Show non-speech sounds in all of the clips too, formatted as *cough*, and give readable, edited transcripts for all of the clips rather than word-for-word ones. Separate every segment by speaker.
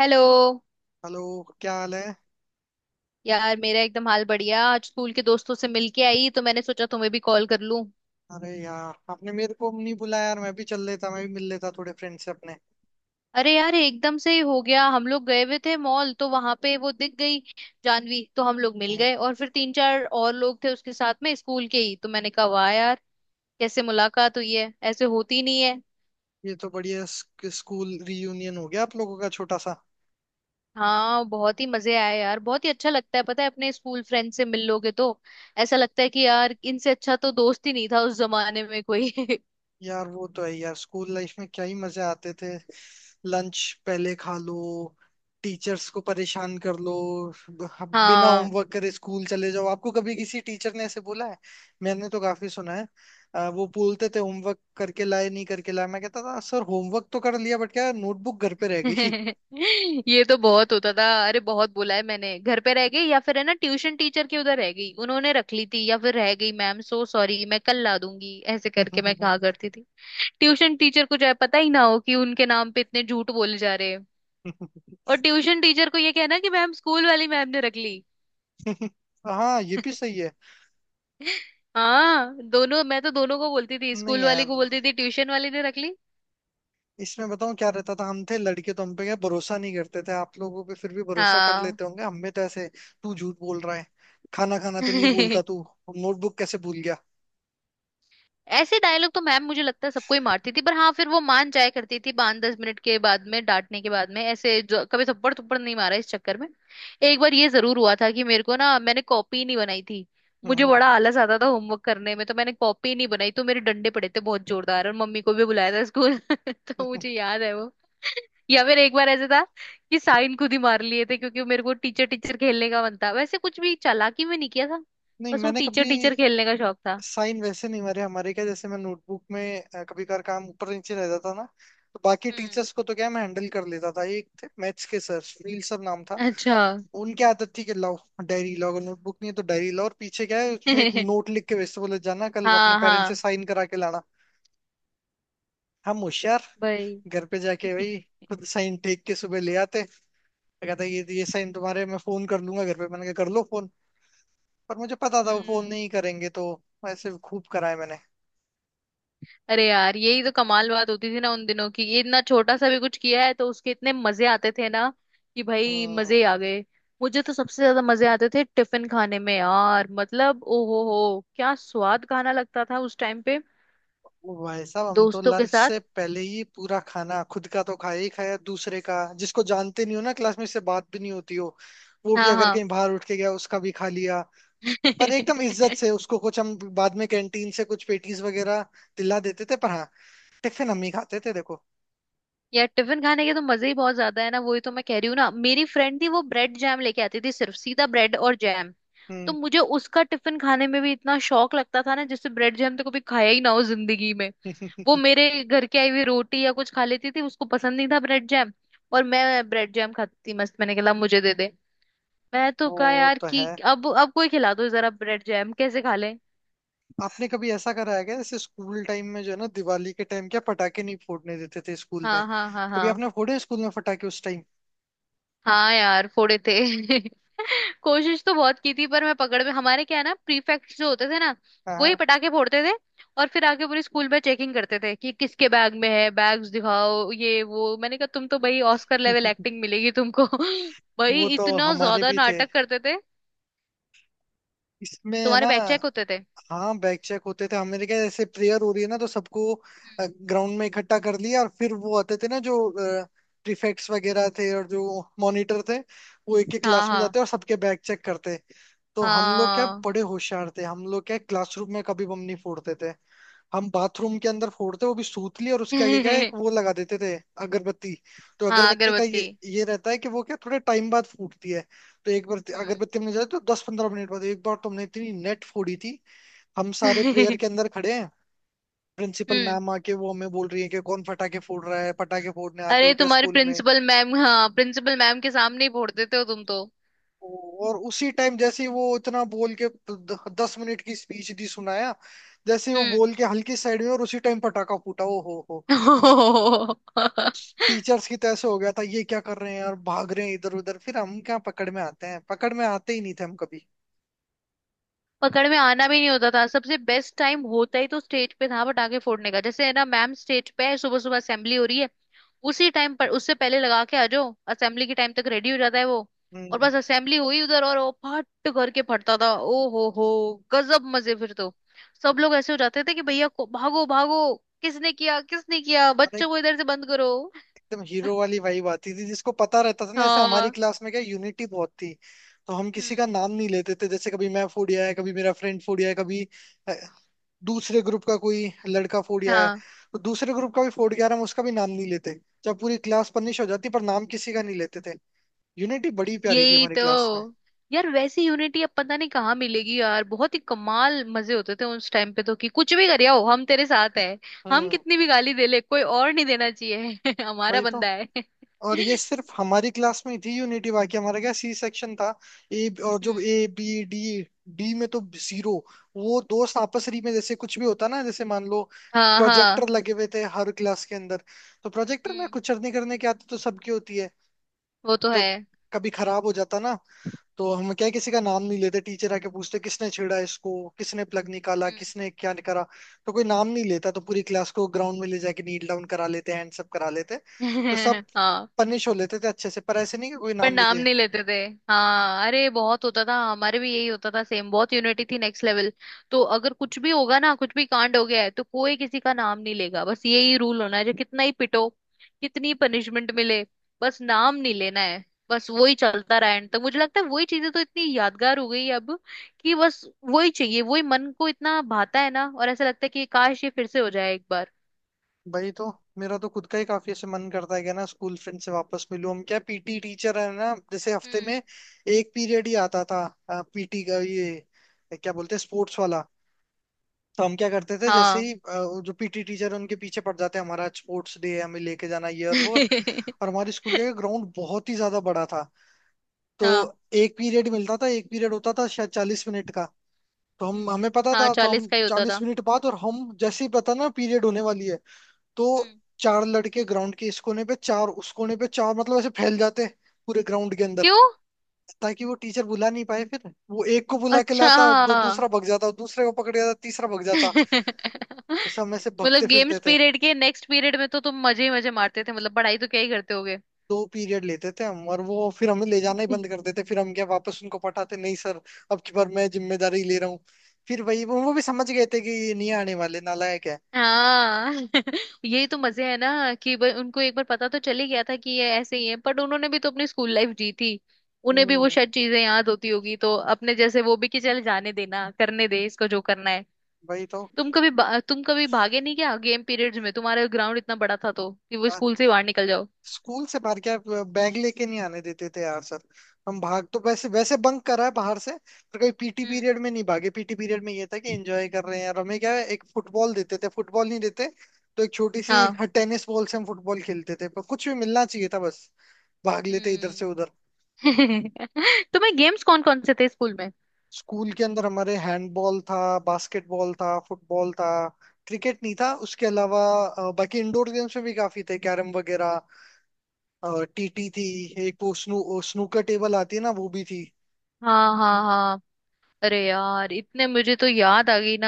Speaker 1: Hello.
Speaker 2: Hello. क्या हाल है?
Speaker 1: यार मेरा एकदम हाल बढ़िया, आज स्कूल के दोस्तों से मिलके आई तो मैंने सोचा तुम्हें भी कॉल कर लूं।
Speaker 2: अरे यार, आपने मेरे को नहीं बुलाया यार, मैं भी चल लेता, मैं भी मिल लेता थोड़े फ्रेंड से अपने।
Speaker 1: अरे यार एकदम से ही हो गया। हम लोग गए हुए थे मॉल, तो वहां पे वो दिख गई जानवी। तो हम लोग मिल गए
Speaker 2: हाँ।
Speaker 1: और फिर तीन चार और लोग थे उसके साथ में स्कूल के ही। तो मैंने कहा वाह यार, कैसे मुलाकात हुई है, ऐसे होती नहीं है।
Speaker 2: ये तो बढ़िया स्कूल रीयूनियन हो गया आप लोगों का, छोटा सा।
Speaker 1: हाँ, बहुत ही मजे आए यार। बहुत ही अच्छा लगता है पता है, अपने स्कूल फ्रेंड से मिल लोगे तो ऐसा लगता है कि यार इनसे अच्छा तो दोस्त ही नहीं था उस जमाने में कोई। *laughs*
Speaker 2: यार वो तो है यार, स्कूल लाइफ में क्या ही मजे आते थे। लंच पहले खा लो, टीचर्स को परेशान कर लो, बिना
Speaker 1: हाँ।
Speaker 2: होमवर्क करे स्कूल चले जाओ। आपको कभी किसी टीचर ने ऐसे बोला है? मैंने तो काफी सुना है। वो बोलते थे होमवर्क करके लाए, नहीं करके लाए। मैं कहता था सर होमवर्क तो कर लिया बट क्या, नोटबुक घर पे रह गई।
Speaker 1: *laughs* ये तो बहुत होता था। अरे बहुत बोला है मैंने, घर पे रह गई, या फिर है ना ट्यूशन टीचर के उधर रह गई उन्होंने रख ली थी, या फिर रह गई मैम सो सॉरी मैं कल ला दूंगी, ऐसे करके मैं कहा
Speaker 2: *laughs*
Speaker 1: करती थी। ट्यूशन टीचर को चाहे पता ही ना हो कि उनके नाम पे इतने झूठ बोले जा रहे हैं। और ट्यूशन टीचर को ये कहना कि मैम, स्कूल वाली मैम ने रख ली।
Speaker 2: हाँ, ये भी सही है।
Speaker 1: *laughs* हाँ दोनों, मैं तो दोनों को बोलती थी,
Speaker 2: नहीं
Speaker 1: स्कूल वाली
Speaker 2: यार,
Speaker 1: को बोलती थी ट्यूशन वाली ने रख ली।
Speaker 2: इसमें बताऊं क्या रहता था, हम थे लड़के तो हम पे क्या भरोसा नहीं करते थे। आप लोगों पे फिर भी भरोसा कर
Speaker 1: हाँ।
Speaker 2: लेते होंगे, हम में तो ऐसे तू झूठ बोल रहा है, खाना खाना तो नहीं बोलता
Speaker 1: *laughs*
Speaker 2: तू, नोटबुक कैसे भूल गया?
Speaker 1: ऐसे डायलॉग तो मैम मुझे लगता है सबको ही मारती थी, पर हाँ फिर वो मान जाया करती थी 5-10 मिनट के बाद में, डांटने के बाद में, ऐसे जो कभी थप्पड़ थप्पड़ नहीं मारा इस चक्कर में। एक बार ये जरूर हुआ था कि मेरे को ना, मैंने कॉपी नहीं बनाई थी।
Speaker 2: *laughs*
Speaker 1: मुझे
Speaker 2: हम्म।
Speaker 1: बड़ा आलस आता था होमवर्क करने में, तो मैंने कॉपी नहीं बनाई तो मेरे डंडे पड़े थे बहुत जोरदार, और मम्मी को भी बुलाया था स्कूल। *laughs* तो मुझे याद है वो। या फिर एक बार ऐसे था कि साइन खुद ही मार लिए थे, क्योंकि मेरे को टीचर टीचर खेलने का मन था, वैसे कुछ भी चालाकी में नहीं किया था।
Speaker 2: नहीं,
Speaker 1: बस वो
Speaker 2: मैंने
Speaker 1: टीचर
Speaker 2: कभी
Speaker 1: टीचर खेलने का शौक था।
Speaker 2: साइन वैसे नहीं मारे। हमारे क्या, जैसे मैं नोटबुक में कभी कभार काम ऊपर नीचे रह जाता ना, तो बाकी
Speaker 1: हम्म।
Speaker 2: टीचर्स को तो क्या मैं हैंडल कर लेता था। एक थे मैथ्स के सर, फील सर नाम था।
Speaker 1: अच्छा।
Speaker 2: उनकी आदत थी कि लाओ डायरी लाओ, अगर नोटबुक नहीं है तो डायरी लाओ, और पीछे क्या है उसमें एक
Speaker 1: *laughs*
Speaker 2: नोट लिख के, वैसे बोले जाना कल अपने
Speaker 1: हाँ
Speaker 2: पेरेंट्स से
Speaker 1: हाँ।
Speaker 2: साइन करा के लाना। हम होशियार,
Speaker 1: भाई।
Speaker 2: घर पे जाके भाई खुद साइन टेक के सुबह ले आते। मैं कहता ये साइन तुम्हारे, मैं फोन कर लूंगा घर पे। मैंने कहा कर लो फोन, पर मुझे पता था वो फोन
Speaker 1: हम्म।
Speaker 2: नहीं करेंगे। तो ऐसे खूब कराए मैंने।
Speaker 1: अरे यार यही तो कमाल बात होती थी ना उन दिनों की, ये इतना छोटा सा भी कुछ किया है तो उसके इतने मजे आते थे ना कि भाई मजे
Speaker 2: हम्म।
Speaker 1: ही आ गए। मुझे तो सबसे ज्यादा मजे आते थे टिफिन खाने में यार। मतलब ओहो हो, क्या स्वाद खाना लगता था उस टाइम पे।
Speaker 2: वो भाई साहब, हम तो
Speaker 1: दोस्तों के
Speaker 2: लंच
Speaker 1: साथ।
Speaker 2: से पहले ही पूरा खाना, खुद का तो खाया ही खाया, दूसरे का, जिसको जानते नहीं हो ना, क्लास में से बात भी नहीं होती हो, वो भी
Speaker 1: हाँ
Speaker 2: अगर
Speaker 1: हाँ।
Speaker 2: कहीं बाहर उठ के गया उसका भी खा लिया। पर एकदम इज्जत से
Speaker 1: *laughs*
Speaker 2: उसको कुछ हम बाद में कैंटीन से कुछ पेटीज वगैरह दिला देते थे। पर हाँ, टिफिन हम ही खाते थे, देखो।
Speaker 1: यार टिफिन खाने के तो मजे ही बहुत ज्यादा है ना, वही तो मैं कह रही हूँ ना। मेरी फ्रेंड थी, वो ब्रेड जैम लेके आती थी, सिर्फ सीधा ब्रेड और जैम। तो
Speaker 2: हम्म।
Speaker 1: मुझे उसका टिफिन खाने में भी इतना शौक लगता था ना, जिससे ब्रेड जैम तो कभी खाया ही ना हो जिंदगी में। वो
Speaker 2: *laughs*
Speaker 1: मेरे घर की आई हुई रोटी या कुछ खा लेती थी, उसको पसंद नहीं था ब्रेड जैम। और मैं ब्रेड जैम खाती थी मस्त। मैंने कहा मुझे दे दे। मैं तो कहा
Speaker 2: वो
Speaker 1: यार
Speaker 2: तो है।
Speaker 1: कि अब कोई खिला दो जरा, ब्रेड जैम कैसे खा ले।
Speaker 2: आपने कभी ऐसा करा है क्या, जैसे स्कूल टाइम में जो है ना, दिवाली के टाइम क्या पटाखे नहीं फोड़ने देते थे स्कूल में?
Speaker 1: हाँ हाँ हाँ
Speaker 2: कभी
Speaker 1: हाँ।
Speaker 2: आपने फोड़े स्कूल में पटाखे उस टाइम?
Speaker 1: हाँ यार फोड़े थे। *laughs* कोशिश तो बहुत की थी, पर मैं पकड़ में। हमारे क्या है ना प्रीफेक्ट जो होते थे ना।
Speaker 2: हाँ।
Speaker 1: वो
Speaker 2: *laughs*
Speaker 1: ही
Speaker 2: हाँ।
Speaker 1: पटाखे फोड़ते थे और फिर आके पूरी स्कूल में चेकिंग करते थे कि किसके बैग में है, बैग्स दिखाओ ये वो। मैंने कहा तुम तो भाई ऑस्कर लेवल एक्टिंग मिलेगी तुमको। *laughs* भाई
Speaker 2: वो तो
Speaker 1: इतना
Speaker 2: हमारे
Speaker 1: ज्यादा
Speaker 2: भी थे
Speaker 1: नाटक करते थे।
Speaker 2: इसमें है
Speaker 1: तुम्हारे
Speaker 2: ना।
Speaker 1: बैग चेक होते थे?
Speaker 2: हाँ, बैक चेक होते थे। हमारे क्या, जैसे प्रेयर हो रही है ना, तो सबको ग्राउंड में इकट्ठा कर लिया और फिर वो आते थे ना जो प्रीफेक्ट्स वगैरह थे और जो मॉनिटर थे, वो एक एक
Speaker 1: हाँ
Speaker 2: क्लास में
Speaker 1: हाँ
Speaker 2: जाते और सबके बैक चेक करते। तो हम लोग क्या
Speaker 1: हाँ।
Speaker 2: बड़े होशियार थे, हम लोग क्या क्लासरूम में कभी बम नहीं फोड़ते थे। हम बाथरूम के अंदर फोड़ते, वो भी सूतली, और उसके आगे क्या है, एक
Speaker 1: *laughs*
Speaker 2: वो लगा देते थे, अगरबत्ती। तो
Speaker 1: हाँ
Speaker 2: अगरबत्ती का
Speaker 1: अगरबत्ती।
Speaker 2: ये रहता है कि वो क्या थोड़े टाइम बाद फूटती है। तो एक बार
Speaker 1: हम्म।
Speaker 2: अगरबत्ती हमने जलाई तो दस पंद्रह मिनट बाद एक बार तुमने इतनी नेट फोड़ी थी। हम सारे प्रेयर के
Speaker 1: *laughs*
Speaker 2: अंदर खड़े हैं, प्रिंसिपल
Speaker 1: हम्म।
Speaker 2: मैम आके वो हमें बोल रही है कि कौन पटाखे फोड़ रहा है, पटाखे फोड़ने आते हो
Speaker 1: अरे
Speaker 2: क्या
Speaker 1: तुम्हारी
Speaker 2: स्कूल में।
Speaker 1: प्रिंसिपल मैम, हाँ प्रिंसिपल मैम के सामने ही फोड़ते थे हो तुम तो।
Speaker 2: और उसी टाइम जैसे ही वो इतना बोल के 10 मिनट की स्पीच दी, सुनाया, जैसे ही वो
Speaker 1: हम्म।
Speaker 2: बोल के हल्की साइड में, और उसी टाइम पटाखा फूटा, ओ हो हो।
Speaker 1: *laughs*
Speaker 2: टीचर्स की तैसे हो गया था, ये क्या कर रहे हैं यार, भाग रहे हैं इधर उधर, फिर हम क्या पकड़ में आते हैं, पकड़ में आते ही नहीं थे हम कभी।
Speaker 1: पकड़ में आना भी नहीं होता था। सबसे बेस्ट टाइम होता ही तो स्टेज पे था पटाखे फोड़ने का, जैसे है ना मैम स्टेज पे है, सुबह सुबह असेंबली हो रही है। उसी टाइम पर उससे पहले लगा के आ जाओ, असेंबली के टाइम तक रेडी हो जाता है वो। और
Speaker 2: हम्म।
Speaker 1: बस असेंबली हुई उधर और वो फट करके फटता था, ओ हो गजब मजे फिर तो। सब लोग ऐसे हो जाते थे कि भैया को भागो भागो, किसने किया किसने किया,
Speaker 2: और
Speaker 1: बच्चों को इधर से बंद करो।
Speaker 2: एकदम हीरो वाली वाइब आती थी जिसको पता रहता था ना, जैसे हमारी
Speaker 1: हाँ।
Speaker 2: क्लास में क्या यूनिटी बहुत थी। तो हम किसी का
Speaker 1: हम्म।
Speaker 2: नाम नहीं लेते थे, जैसे कभी मैं फूडिया है, कभी मेरा फ्रेंड फूडिया है, कभी अ, दूसरे ग्रुप का कोई लड़का फूडिया है,
Speaker 1: हाँ।
Speaker 2: तो दूसरे ग्रुप का भी फूड गया हम उसका भी नाम नहीं लेते। जब पूरी क्लास पनिश हो जाती पर नाम किसी का नहीं लेते थे। यूनिटी बड़ी प्यारी थी
Speaker 1: यही
Speaker 2: हमारी
Speaker 1: तो।
Speaker 2: क्लास में।
Speaker 1: यार वैसी यूनिटी अब पता नहीं कहाँ मिलेगी यार। बहुत ही कमाल मजे होते थे उस टाइम पे तो, कि कुछ भी कर आओ हम तेरे साथ है। हम
Speaker 2: हम्म।
Speaker 1: कितनी भी गाली दे ले, कोई और नहीं देना चाहिए। *laughs* हमारा
Speaker 2: वही तो।
Speaker 1: बंदा है। *laughs*
Speaker 2: और ये सिर्फ हमारी क्लास में थी यूनिटी, बाकी हमारा क्या सी सेक्शन था, ए और जो
Speaker 1: हम्म।
Speaker 2: ए बी डी, डी में तो जीरो। वो दोस्त आपसरी में जैसे कुछ भी होता ना, जैसे मान लो,
Speaker 1: हाँ हाँ।
Speaker 2: प्रोजेक्टर लगे हुए थे हर क्लास के अंदर, तो प्रोजेक्टर में
Speaker 1: हम्म।
Speaker 2: कुछ नहीं करने की आदत तो सबकी होती है,
Speaker 1: वो तो
Speaker 2: तो
Speaker 1: है।
Speaker 2: कभी खराब हो जाता ना, तो हम क्या है, किसी का नाम नहीं लेते। टीचर आके पूछते किसने छेड़ा इसको, किसने प्लग निकाला,
Speaker 1: हम्म।
Speaker 2: किसने क्या करा, तो कोई नाम नहीं लेता, तो पूरी क्लास को ग्राउंड में ले जाके नील डाउन करा लेते, हैंड सब करा लेते। तो सब
Speaker 1: *laughs* हाँ
Speaker 2: पनिश हो लेते थे अच्छे से, पर ऐसे नहीं कि कोई
Speaker 1: पर
Speaker 2: नाम ले
Speaker 1: नाम
Speaker 2: दे।
Speaker 1: नहीं लेते थे। हाँ अरे बहुत होता था हमारे भी, यही होता था सेम। बहुत यूनिटी थी नेक्स्ट लेवल। तो अगर कुछ भी होगा ना, कुछ भी कांड हो गया है तो कोई किसी का नाम नहीं लेगा, बस यही रूल होना है। जो कितना ही पिटो, कितनी पनिशमेंट मिले, बस नाम नहीं लेना है। बस वही चलता रहा एंड तक। मुझे लगता है वही चीजें तो इतनी यादगार हो गई है अब कि बस वही चाहिए, वही मन को इतना भाता है ना। और ऐसा लगता है कि काश ये फिर से हो जाए एक बार।
Speaker 2: भाई तो मेरा तो खुद का ही काफी ऐसे मन करता है कि ना स्कूल फ्रेंड से वापस मिलूं। हम क्या पीटी टीचर है ना, जैसे हफ्ते में
Speaker 1: हम्म।
Speaker 2: एक पीरियड ही आता था पीटी का, ये क्या बोलते हैं स्पोर्ट्स वाला। तो हम क्या करते थे जैसे
Speaker 1: हाँ।
Speaker 2: ही वो जो पीटी टीचर, उनके पीछे पड़ जाते हैं हमारा स्पोर्ट्स डे है, हमें लेके जाना ये और वो और। और
Speaker 1: *laughs*
Speaker 2: हमारे स्कूल का ग्राउंड बहुत ही ज्यादा बड़ा था। तो
Speaker 1: हाँ।
Speaker 2: एक पीरियड मिलता था, एक पीरियड होता था शायद 40 मिनट का। तो हम
Speaker 1: हम्म।
Speaker 2: हमें पता
Speaker 1: हाँ
Speaker 2: था तो हम
Speaker 1: 40 का ही होता
Speaker 2: 40
Speaker 1: था।
Speaker 2: मिनट बाद, और हम जैसे ही पता ना पीरियड होने वाली है, तो
Speaker 1: हम्म।
Speaker 2: चार लड़के ग्राउंड के इस कोने पे, चार उस कोने पे, चार, मतलब ऐसे फैल जाते पूरे ग्राउंड के अंदर,
Speaker 1: क्यों?
Speaker 2: ताकि वो टीचर बुला नहीं पाए। फिर वो एक को बुला के
Speaker 1: अच्छा।
Speaker 2: लाता, दो दूसरा भग जाता, दूसरे को पकड़ जाता तीसरा भग जाता, ऐसे
Speaker 1: *laughs*
Speaker 2: हम ऐसे भगते
Speaker 1: मतलब
Speaker 2: फिरते
Speaker 1: गेम्स
Speaker 2: थे।
Speaker 1: पीरियड के नेक्स्ट पीरियड में तो तुम मजे ही मजे मारते थे, मतलब पढ़ाई तो क्या ही करते होगे।
Speaker 2: दो पीरियड लेते थे हम, और वो फिर हमें ले जाना ही बंद कर देते, फिर हम क्या वापस उनको पटाते नहीं सर, अब की बार मैं जिम्मेदारी ले रहा हूँ। फिर वही, वो भी समझ गए थे कि ये नहीं आने वाले, नालायक है।
Speaker 1: हाँ। *laughs* यही तो मजे है ना कि भाई उनको एक बार पता तो चल ही गया था कि ये ऐसे ही है, बट उन्होंने भी तो अपनी स्कूल लाइफ जी थी। उन्हें भी वो
Speaker 2: हम्म।
Speaker 1: शायद चीजें याद होती होगी, तो अपने जैसे वो भी कि चल जाने देना, करने दे इसको जो करना है।
Speaker 2: वही तो।
Speaker 1: तुम कभी भागे नहीं क्या गेम पीरियड्स में, तुम्हारा ग्राउंड इतना बड़ा था तो कि वो
Speaker 2: आ,
Speaker 1: स्कूल से बाहर निकल जाओ?
Speaker 2: स्कूल से बाहर क्या, बैग लेके नहीं आने देते थे यार सर। हम भाग तो वैसे वैसे बंक करा है बाहर से, पर कभी पीटी
Speaker 1: हम्म।
Speaker 2: पीरियड में नहीं भागे। पीटी पीरियड में ये था कि एंजॉय कर रहे हैं, और हमें क्या है, एक फुटबॉल देते थे, फुटबॉल नहीं देते तो एक छोटी सी
Speaker 1: हाँ।
Speaker 2: टेनिस बॉल से हम फुटबॉल खेलते थे। पर कुछ भी मिलना चाहिए था बस, भाग लेते इधर से उधर।
Speaker 1: हम्म। *laughs* तुम्हें गेम्स कौन कौन से थे स्कूल में?
Speaker 2: स्कूल के अंदर हमारे हैंडबॉल था, बास्केटबॉल था, फुटबॉल था, क्रिकेट नहीं था। उसके अलावा बाकी इंडोर गेम्स में भी काफी थे, कैरम वगैरह, टीटी थी, एक वो स्नूकर टेबल आती है ना, वो भी थी।
Speaker 1: हाँ हाँ हाँ। अरे यार इतने मुझे तो याद आ गई ना,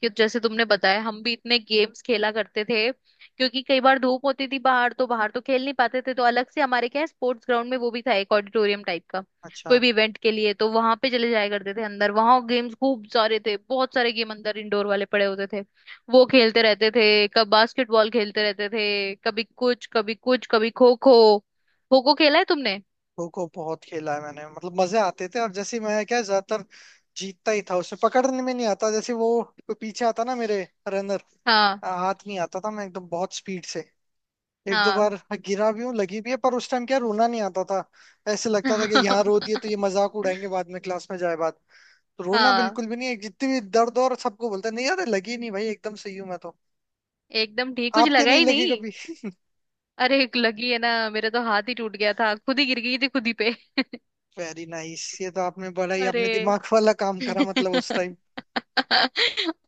Speaker 1: कि जैसे तुमने बताया हम भी इतने गेम्स खेला करते थे। क्योंकि कई बार धूप होती थी बाहर, तो बाहर तो खेल नहीं पाते थे, तो अलग से हमारे क्या है स्पोर्ट्स ग्राउंड में वो भी था एक ऑडिटोरियम टाइप का। कोई
Speaker 2: अच्छा।
Speaker 1: भी इवेंट के लिए तो वहां पे चले जाया करते थे अंदर। वहां गेम्स खूब सारे थे, बहुत सारे गेम अंदर इंडोर वाले पड़े होते थे। वो खेलते रहते थे। कब बास्केटबॉल खेलते रहते थे, कभी कुछ कभी कुछ, कभी खो खो। खो खो खेला है तुमने?
Speaker 2: खो खो बहुत खेला है मैंने, मतलब मजे आते थे। और जैसे मैं क्या ज्यादातर जीतता ही था, उसे पकड़ने में नहीं आता, जैसे वो कोई पीछे आता ना मेरे, रनर,
Speaker 1: हाँ
Speaker 2: हाथ नहीं आता था, मैं एकदम बहुत स्पीड से। एक दो
Speaker 1: हाँ।
Speaker 2: बार गिरा भी हूँ, लगी भी है, पर उस टाइम क्या रोना नहीं आता था। ऐसे लगता था कि यहाँ रोती है तो ये
Speaker 1: *laughs*
Speaker 2: मजाक उड़ाएंगे बाद में क्लास में जाए बाद। तो रोना
Speaker 1: हाँ
Speaker 2: बिल्कुल भी नहीं है, जितनी भी दर्द हो, और सबको बोलता है नहीं यार लगी नहीं भाई, एकदम सही हूँ मैं तो।
Speaker 1: एकदम ठीक, कुछ
Speaker 2: आपके
Speaker 1: लगा
Speaker 2: नहीं
Speaker 1: ही
Speaker 2: लगी
Speaker 1: नहीं।
Speaker 2: कभी?
Speaker 1: अरे एक लगी है ना, मेरा तो हाथ ही टूट गया था। खुद ही गिर गई थी खुद ही पे। *laughs*
Speaker 2: वेरी नाइस, ये तो आपने बड़ा ही अपने
Speaker 1: अरे।
Speaker 2: दिमाग वाला काम करा
Speaker 1: *laughs*
Speaker 2: मतलब, उस टाइम।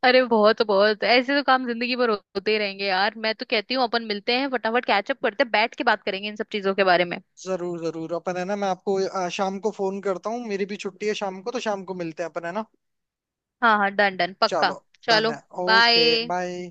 Speaker 1: अरे बहुत बहुत ऐसे तो काम जिंदगी भर होते ही रहेंगे यार। मैं तो कहती हूँ अपन मिलते हैं फटाफट, कैचअप करते हैं, बैठ के बात करेंगे इन सब चीजों के बारे में।
Speaker 2: जरूर जरूर, अपन है ना। मैं आपको शाम को फोन करता हूँ, मेरी भी छुट्टी है शाम को, तो शाम को मिलते हैं अपन है ना।
Speaker 1: हाँ हाँ। डन डन पक्का।
Speaker 2: चलो डन
Speaker 1: चलो
Speaker 2: है। Okay
Speaker 1: bye.
Speaker 2: बाय।